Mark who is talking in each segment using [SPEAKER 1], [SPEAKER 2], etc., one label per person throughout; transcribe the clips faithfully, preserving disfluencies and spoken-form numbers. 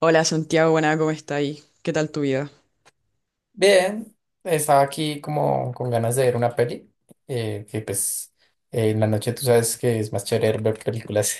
[SPEAKER 1] Hola Santiago, buena, ¿cómo está ahí? ¿Qué tal tu vida?
[SPEAKER 2] Bien, estaba aquí como con ganas de ver una peli, eh, que pues eh, en la noche tú sabes que es más chévere ver películas.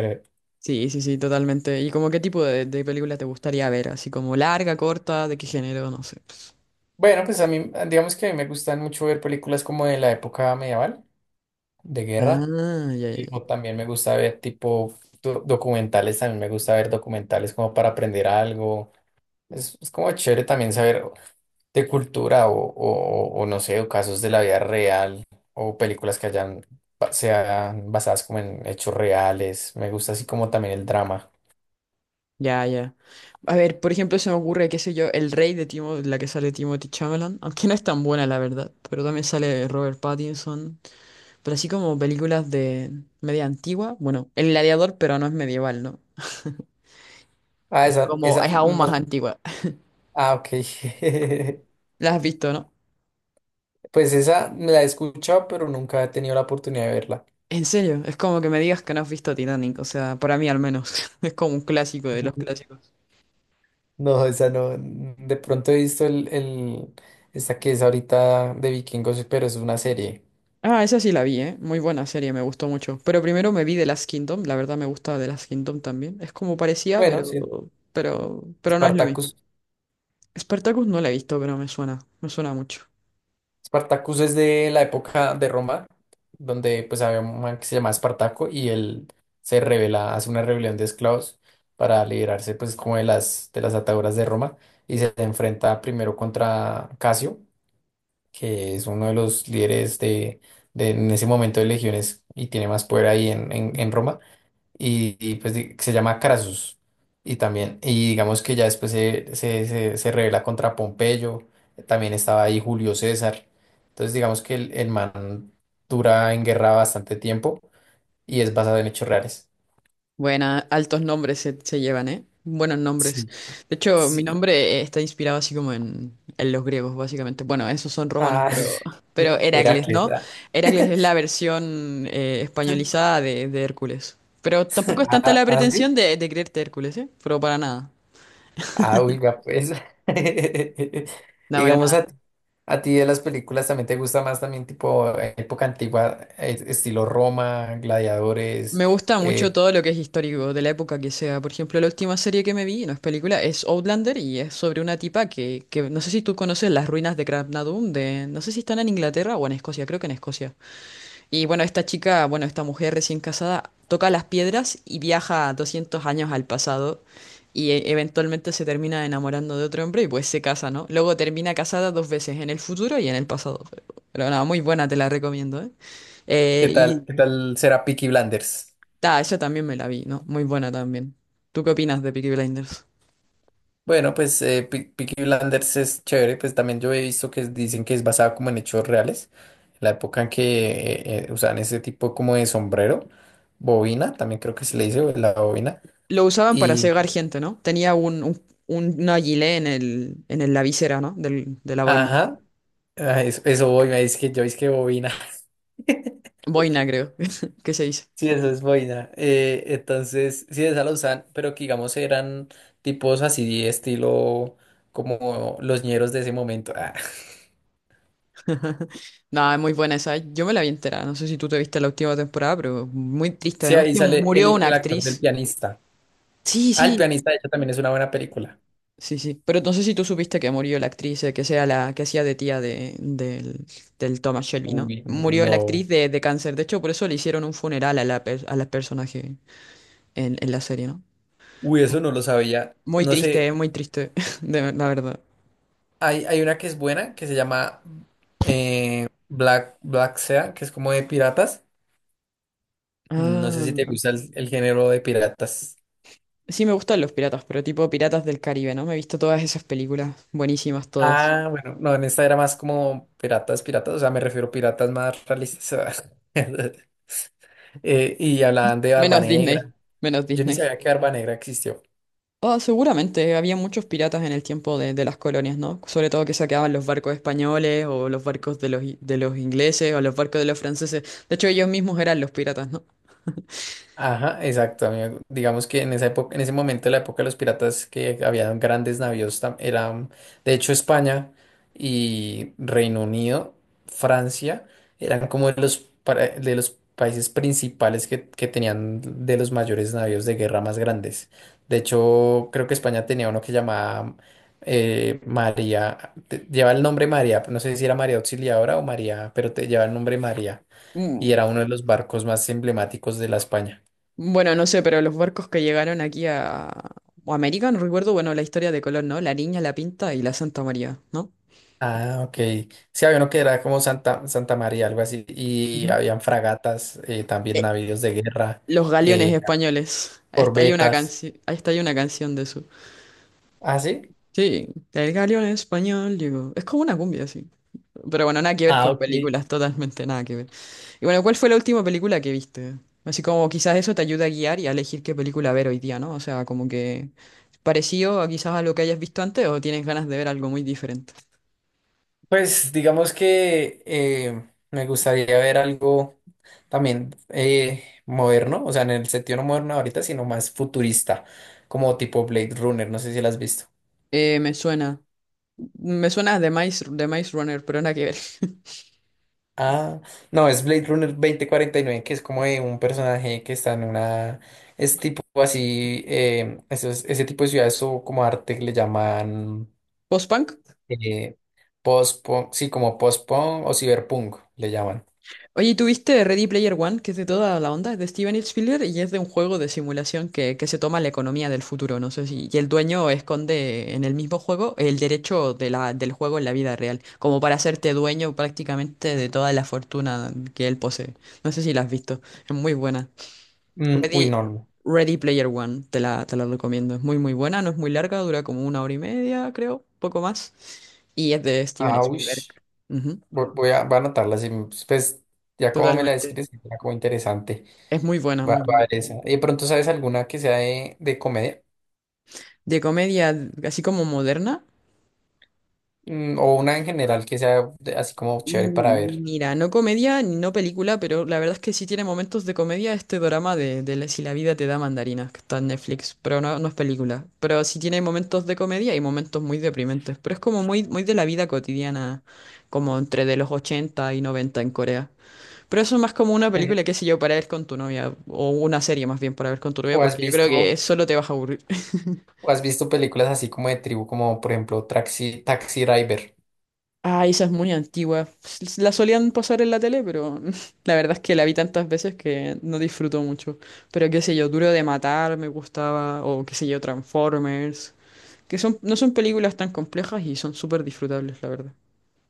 [SPEAKER 1] Sí, sí, sí, totalmente. ¿Y como qué tipo de, de película te gustaría ver? Así como larga, corta, de qué género, no sé.
[SPEAKER 2] Bueno, pues a mí, digamos que a mí me gustan mucho ver películas como de la época medieval, de guerra.
[SPEAKER 1] Ah, ya, ya,
[SPEAKER 2] Sí. O también me gusta ver tipo do- documentales, también me gusta ver documentales como para aprender algo. Es, es como chévere también saber de cultura o, o- o no sé, o casos de la vida real o películas que hayan, ba- sean basadas como en hechos reales. Me gusta así como también el drama.
[SPEAKER 1] ya. Ya. A ver, por ejemplo, se me ocurre, qué sé yo, El Rey de Timo, la que sale Timothy Chalamet, aunque no es tan buena, la verdad, pero también sale Robert Pattinson, pero así como películas de media antigua, bueno, El Gladiador, pero no es medieval, ¿no?
[SPEAKER 2] Ah,
[SPEAKER 1] Es
[SPEAKER 2] esa,
[SPEAKER 1] como,
[SPEAKER 2] esa,
[SPEAKER 1] es aún más
[SPEAKER 2] no-
[SPEAKER 1] antigua.
[SPEAKER 2] ah, ok.
[SPEAKER 1] La has visto, ¿no?
[SPEAKER 2] Pues esa la he escuchado, pero nunca he tenido la oportunidad de verla.
[SPEAKER 1] En serio, es como que me digas que no has visto Titanic, o sea, para mí al menos, es como un clásico de los clásicos.
[SPEAKER 2] No, esa no. De pronto he visto el, el, esta que es ahorita de Vikingos, pero es una serie.
[SPEAKER 1] Ah, esa sí la vi, ¿eh? Muy buena serie, me gustó mucho. Pero primero me vi The Last Kingdom, la verdad me gusta The Last Kingdom también. Es como parecía,
[SPEAKER 2] Bueno, sí.
[SPEAKER 1] pero, pero, pero no es lo mismo.
[SPEAKER 2] Spartacus.
[SPEAKER 1] Spartacus no la he visto, pero me suena, me suena mucho.
[SPEAKER 2] Spartacus es de la época de Roma, donde pues había un man que se llamaba Espartaco y él se revela, hace una rebelión de esclavos para liberarse pues como de las, de las ataduras de Roma y se enfrenta primero contra Casio, que es uno de los líderes de, de en ese momento de legiones y tiene más poder ahí en, en en Roma, y, y, pues di- se llama Crasus. Y también, y digamos que ya después se, se, se, se revela contra Pompeyo, también estaba ahí Julio César. Entonces digamos que el, el man dura en guerra bastante tiempo y es basado en hechos reales.
[SPEAKER 1] Buena, altos nombres se, se llevan, ¿eh? Buenos nombres.
[SPEAKER 2] Sí.
[SPEAKER 1] De hecho, mi
[SPEAKER 2] sí.
[SPEAKER 1] nombre eh, está inspirado así como en, en, los griegos, básicamente. Bueno, esos son romanos,
[SPEAKER 2] Ah,
[SPEAKER 1] pero, pero Heracles,
[SPEAKER 2] Heracles,
[SPEAKER 1] ¿no?
[SPEAKER 2] ¿verdad?
[SPEAKER 1] Heracles es la versión eh, españolizada de, de Hércules. Pero tampoco es tanta la
[SPEAKER 2] Ah, ah, sí.
[SPEAKER 1] pretensión de, de creerte Hércules, ¿eh? Pero para nada.
[SPEAKER 2] Ah, oiga, pues.
[SPEAKER 1] No, para
[SPEAKER 2] Digamos,
[SPEAKER 1] nada.
[SPEAKER 2] ¿a ti de las películas también te gusta más también tipo eh, época antigua, eh, estilo Roma,
[SPEAKER 1] Me
[SPEAKER 2] gladiadores?
[SPEAKER 1] gusta
[SPEAKER 2] eh,
[SPEAKER 1] mucho todo lo que es histórico, de la época que sea. Por ejemplo, la última serie que me vi, no es película, es Outlander y es sobre una tipa que, que no sé si tú conoces las ruinas de Craignadoon, de, no sé si están en Inglaterra o en Escocia, creo que en Escocia. Y bueno, esta chica, bueno, esta mujer recién casada, toca las piedras y viaja doscientos años al pasado y e- eventualmente se termina enamorando de otro hombre y pues se casa, ¿no? Luego termina casada dos veces, en el futuro y en el pasado. Pero, pero nada, muy buena, te la recomiendo, ¿eh?
[SPEAKER 2] ¿qué
[SPEAKER 1] Eh,
[SPEAKER 2] tal,
[SPEAKER 1] y...
[SPEAKER 2] qué tal será Peaky Blinders?
[SPEAKER 1] Ah, esa también me la vi, ¿no? Muy buena también. ¿Tú qué opinas de Peaky Blinders?
[SPEAKER 2] Bueno, pues eh, Pe- Peaky Blinders es chévere, pues también yo he visto que dicen que es basada como en hechos reales, la época en que eh, eh, usaban ese tipo como de sombrero, bobina, también creo que se le dice o la bobina,
[SPEAKER 1] Lo usaban para
[SPEAKER 2] y
[SPEAKER 1] cegar gente, ¿no? Tenía un, un, un- una gilet en el, en el- la visera, ¿no? Del, de la boina.
[SPEAKER 2] ajá, ah, eso, eso voy, me dice que yo es que bobina.
[SPEAKER 1] Boina, creo. ¿Qué se dice?
[SPEAKER 2] Sí, eso es boina. Eh, entonces, sí, esa la usan, pero que digamos eran tipos así, estilo como los ñeros de ese momento. Ah.
[SPEAKER 1] No, es muy buena esa. ¿Eh? Yo me la vi entera. No sé si tú te viste la última temporada, pero muy triste.
[SPEAKER 2] Sí,
[SPEAKER 1] Además
[SPEAKER 2] ahí
[SPEAKER 1] que
[SPEAKER 2] sale
[SPEAKER 1] murió
[SPEAKER 2] el,
[SPEAKER 1] una
[SPEAKER 2] el actor del
[SPEAKER 1] actriz.
[SPEAKER 2] pianista.
[SPEAKER 1] Sí,
[SPEAKER 2] Ah, el
[SPEAKER 1] sí.
[SPEAKER 2] pianista, de hecho, también es una buena película.
[SPEAKER 1] Sí, sí. Pero no sé si tú supiste que murió la actriz, eh, que sea la que hacía de tía de, del, del Thomas Shelby, ¿no?
[SPEAKER 2] Uy,
[SPEAKER 1] Murió la actriz
[SPEAKER 2] no.
[SPEAKER 1] de, de cáncer. De hecho, por eso le hicieron un funeral a la, per- a la personaje en, en la serie, ¿no?
[SPEAKER 2] Uy, eso no lo sabía.
[SPEAKER 1] Muy
[SPEAKER 2] No
[SPEAKER 1] triste,
[SPEAKER 2] sé,
[SPEAKER 1] eh, muy triste, de, la verdad.
[SPEAKER 2] hay, hay una que es buena que se llama eh, Black, Black Sea, que es como de piratas. No sé si te
[SPEAKER 1] Ah,
[SPEAKER 2] gusta el el género de piratas.
[SPEAKER 1] sí me gustan los piratas, pero tipo Piratas del Caribe, ¿no? Me he visto todas esas películas, buenísimas todas.
[SPEAKER 2] Ah, bueno, no, en esta era más como piratas, piratas, o sea, me refiero a piratas más realistas. Eh, y hablaban de Barba
[SPEAKER 1] Menos Disney,
[SPEAKER 2] Negra.
[SPEAKER 1] menos
[SPEAKER 2] Yo ni
[SPEAKER 1] Disney.
[SPEAKER 2] sabía que Barba Negra existió.
[SPEAKER 1] Ah, seguramente había muchos piratas en el tiempo de, de las colonias, ¿no? Sobre todo que saqueaban los barcos españoles o los barcos de los, i- de los ingleses o los barcos de los franceses. De hecho, ellos mismos eran los piratas, ¿no?
[SPEAKER 2] Ajá, exacto, amigo. Digamos que en esa época, en ese momento, la época de los piratas, que había grandes navíos, tam- eran, de hecho, España y Reino Unido, Francia, eran como de los, para- de los países principales que, que tenían de los mayores navíos de guerra más grandes. De hecho, creo que España tenía uno que llamaba eh, María, te- lleva el nombre María, no sé si era María Auxiliadora o María, pero te lleva el nombre María. Y
[SPEAKER 1] Mm.
[SPEAKER 2] era uno de los barcos más emblemáticos de la España.
[SPEAKER 1] Bueno, no sé, pero los barcos que llegaron aquí a a América, no recuerdo, bueno, la historia de Colón, ¿no? La Niña, la Pinta y la Santa María, ¿no?
[SPEAKER 2] Ah, ok. Sí, había uno que era como Santa, Santa María, algo así, y
[SPEAKER 1] Ujú.
[SPEAKER 2] habían fragatas, eh, también
[SPEAKER 1] Eh,
[SPEAKER 2] navíos de guerra,
[SPEAKER 1] Los galeones
[SPEAKER 2] eh,
[SPEAKER 1] españoles. Hasta hay una
[SPEAKER 2] corbetas.
[SPEAKER 1] canción, hasta hay una canción de eso.
[SPEAKER 2] ¿Ah, sí?
[SPEAKER 1] Sí, el galeón español digo. Es como una cumbia, sí. Pero bueno, nada que ver
[SPEAKER 2] Ah,
[SPEAKER 1] con
[SPEAKER 2] ok.
[SPEAKER 1] películas, totalmente nada que ver. Y bueno, ¿cuál fue la última película que viste? Así como quizás eso te ayuda a guiar y a elegir qué película ver hoy día, ¿no? O sea, como que parecido a quizás a lo que hayas visto antes o tienes ganas de ver algo muy diferente.
[SPEAKER 2] Pues digamos que eh, me gustaría ver algo también eh, moderno, o sea, en el sentido no moderno ahorita, sino más futurista, como tipo Blade Runner, no sé si la has visto.
[SPEAKER 1] Eh, me suena. Me suena de Maze, de Maze Runner, pero nada que ver.
[SPEAKER 2] Ah, no, es Blade Runner dos mil cuarenta y nueve que es como de un personaje que está en una... Es tipo así, eh, esos- ese tipo de ciudades o como arte que le llaman
[SPEAKER 1] ¿Post-punk?
[SPEAKER 2] eh, post-punk, sí, como post-punk o cyberpunk le llaman.
[SPEAKER 1] Oye, ¿tuviste Ready Player One, que es de toda la onda? Es de Steven Spielberg y es de un juego de simulación que, que se toma la economía del futuro, no sé si. Y el dueño esconde en el mismo juego el derecho de la, del juego en la vida real, como para hacerte dueño prácticamente de toda la fortuna que él posee. No sé si la has visto. Es muy buena.
[SPEAKER 2] Mm, uy,
[SPEAKER 1] Ready,
[SPEAKER 2] no. No.
[SPEAKER 1] Ready Player One, te la, te la recomiendo. Es muy, muy buena, no es muy larga, dura como una hora y media, creo, poco más. Y es de Steven
[SPEAKER 2] Ah, uy.
[SPEAKER 1] Spielberg. Ujú,
[SPEAKER 2] Vo- Voy a, voy a anotarla, sí, pues pues, ya como me la
[SPEAKER 1] totalmente.
[SPEAKER 2] describes, era como interesante.
[SPEAKER 1] Es muy buena,
[SPEAKER 2] Va,
[SPEAKER 1] muy
[SPEAKER 2] va a
[SPEAKER 1] buena.
[SPEAKER 2] ver esa. ¿Y de pronto sabes alguna que sea de, de comedia?
[SPEAKER 1] De comedia, así como moderna.
[SPEAKER 2] Mm, o una en general que sea de- así como chévere para
[SPEAKER 1] Mm,
[SPEAKER 2] ver.
[SPEAKER 1] mira, no comedia ni no película, pero la verdad es que sí tiene momentos de comedia este drama de, de la- Si la vida te da mandarinas, que está en Netflix, pero no, no es película. Pero sí tiene momentos de comedia y momentos muy deprimentes, pero es como muy, muy de la vida cotidiana, como entre de los ochenta y noventa en Corea. Pero eso es más como una película,
[SPEAKER 2] Eje.
[SPEAKER 1] qué sé yo, para ver con tu novia, o una serie más bien para ver con tu novia,
[SPEAKER 2] ¿O has
[SPEAKER 1] porque yo creo que
[SPEAKER 2] visto?
[SPEAKER 1] solo te vas a aburrir.
[SPEAKER 2] ¿O has visto películas así como de tribu, como por ejemplo Taxi, Taxi Driver?
[SPEAKER 1] Ah, esa es muy antigua. S- La solían pasar en la tele, pero la verdad es que la vi tantas veces que no disfruto mucho. Pero qué sé yo, Duro de Matar me gustaba, o qué sé yo, Transformers, que son, no son películas tan complejas y son súper disfrutables, la verdad.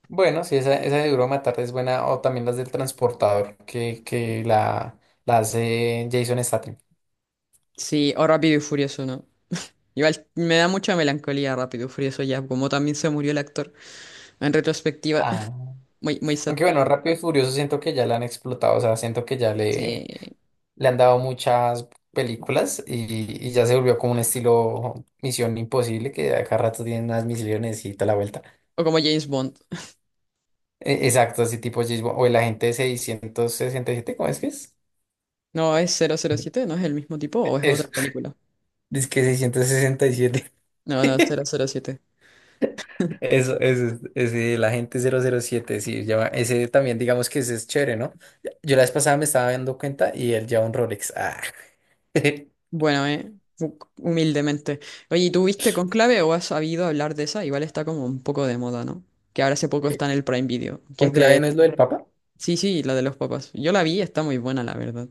[SPEAKER 2] Bueno, sí, esa, esa de Duro de Matar es buena, o también las del Transportador, que, que la, la hace Jason Statham.
[SPEAKER 1] Sí, o Rápido y Furioso, ¿no? Igual me da mucha melancolía Rápido y Furioso ya, como también se murió el actor en retrospectiva.
[SPEAKER 2] Ah.
[SPEAKER 1] Muy, muy sad.
[SPEAKER 2] Aunque bueno, Rápido y Furioso siento que ya la han explotado, o sea, siento que ya
[SPEAKER 1] Sí.
[SPEAKER 2] le, le han dado muchas películas y, y ya se volvió como un estilo Misión Imposible, que a cada rato tienen unas misiones y toda la vuelta.
[SPEAKER 1] O como James Bond.
[SPEAKER 2] E- Exacto, así tipo James Bond, o el agente seiscientos sesenta y siete, ¿cómo es que
[SPEAKER 1] No, es cero cero siete, ¿no es el mismo tipo o es otra
[SPEAKER 2] es?
[SPEAKER 1] película?
[SPEAKER 2] Dice que seiscientos sesenta y siete.
[SPEAKER 1] No, no, cero cero siete.
[SPEAKER 2] Eso, eso, ese, el agente cero cero siete sí, lleva, ese también, digamos que ese es chévere, ¿no? Yo la vez pasada me estaba dando cuenta y él lleva un Rolex. Ah.
[SPEAKER 1] Bueno, eh, hu- humildemente. Oye, ¿y tú viste Conclave o has sabido hablar de esa? Igual está como un poco de moda, ¿no? Que ahora hace poco está en el Prime Video, que es
[SPEAKER 2] ¿Conclave
[SPEAKER 1] de...
[SPEAKER 2] no es lo del Papa?
[SPEAKER 1] Sí, sí, la de los papás. Yo la vi, está muy buena, la verdad.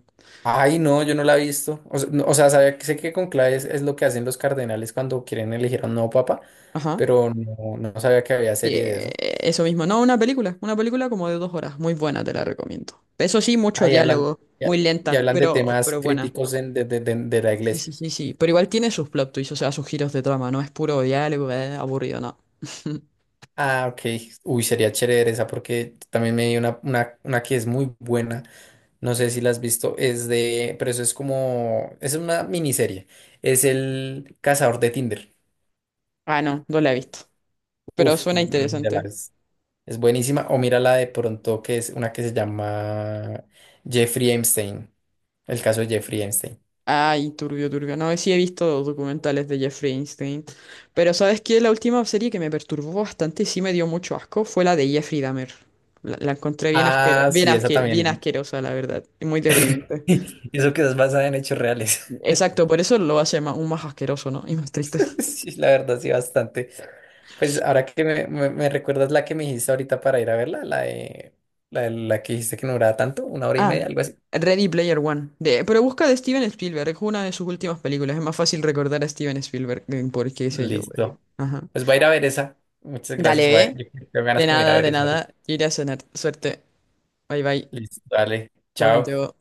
[SPEAKER 2] Ay, no, yo no la he visto. O, sea, no- o sea, sabía que sé que conclave es, es lo que hacen los cardenales cuando quieren elegir a un nuevo papa,
[SPEAKER 1] Ajá.
[SPEAKER 2] pero no, no sabía que había
[SPEAKER 1] Y,
[SPEAKER 2] serie de
[SPEAKER 1] eh,
[SPEAKER 2] eso.
[SPEAKER 1] eso mismo, no, una película, una película como de dos horas, muy buena, te la recomiendo. Eso sí, mucho
[SPEAKER 2] Ahí hablan,
[SPEAKER 1] diálogo,
[SPEAKER 2] ya,
[SPEAKER 1] muy
[SPEAKER 2] y
[SPEAKER 1] lenta,
[SPEAKER 2] hablan de
[SPEAKER 1] pero,
[SPEAKER 2] temas
[SPEAKER 1] pero buena.
[SPEAKER 2] críticos en- de, de de- de la
[SPEAKER 1] Sí,
[SPEAKER 2] iglesia.
[SPEAKER 1] sí, sí, sí, pero igual tiene sus plot twists, o sea, sus giros de trama, no es puro diálogo, eh, aburrido, no.
[SPEAKER 2] Ah, ok. Uy, sería chévere esa porque también me di una, una, una que es muy buena. No sé si la has visto. Es de, pero eso es como, es una miniserie. Es el cazador de Tinder.
[SPEAKER 1] Ah, no, no la he visto, pero
[SPEAKER 2] Uf,
[SPEAKER 1] suena
[SPEAKER 2] mírala,
[SPEAKER 1] interesante.
[SPEAKER 2] es, es buenísima. O mírala de pronto que es una que se llama Jeffrey Epstein. El caso de Jeffrey Epstein.
[SPEAKER 1] Ay, turbio, turbio. No, sí he visto documentales de Jeffrey Einstein. Pero ¿sabes qué? La última serie que me perturbó bastante y sí me dio mucho asco fue la de Jeffrey Dahmer. La, la encontré bien asquero,
[SPEAKER 2] Ah,
[SPEAKER 1] bien
[SPEAKER 2] sí, esa
[SPEAKER 1] asque- bien
[SPEAKER 2] también.
[SPEAKER 1] asquerosa, la verdad. Y muy deprimente.
[SPEAKER 2] Eso que es basada en hechos reales.
[SPEAKER 1] Exacto, por eso lo hace ma- aún más asqueroso, ¿no? Y más triste.
[SPEAKER 2] Sí, la verdad, sí, bastante. Pues ahora que me, me- me recuerdas la que me dijiste ahorita para ir a verla, la de, la, de- la que dijiste que no duraba tanto, una hora y media,
[SPEAKER 1] Ah,
[SPEAKER 2] algo así.
[SPEAKER 1] Ready Player One. De, pero busca de Steven Spielberg, es una de sus últimas películas. Es más fácil recordar a Steven Spielberg eh, porque sé yo, güey.
[SPEAKER 2] Listo.
[SPEAKER 1] Ajá.
[SPEAKER 2] Pues voy a ir a ver esa. Muchas gracias,
[SPEAKER 1] Dale,
[SPEAKER 2] bye.
[SPEAKER 1] ¿eh?
[SPEAKER 2] Yo tengo ganas
[SPEAKER 1] De
[SPEAKER 2] como ir a
[SPEAKER 1] nada,
[SPEAKER 2] ver
[SPEAKER 1] de
[SPEAKER 2] esa ahorita.
[SPEAKER 1] nada. Iré a cenar. Suerte. Bye bye.
[SPEAKER 2] Listo, dale.
[SPEAKER 1] Chao,
[SPEAKER 2] Chao.
[SPEAKER 1] Santiago.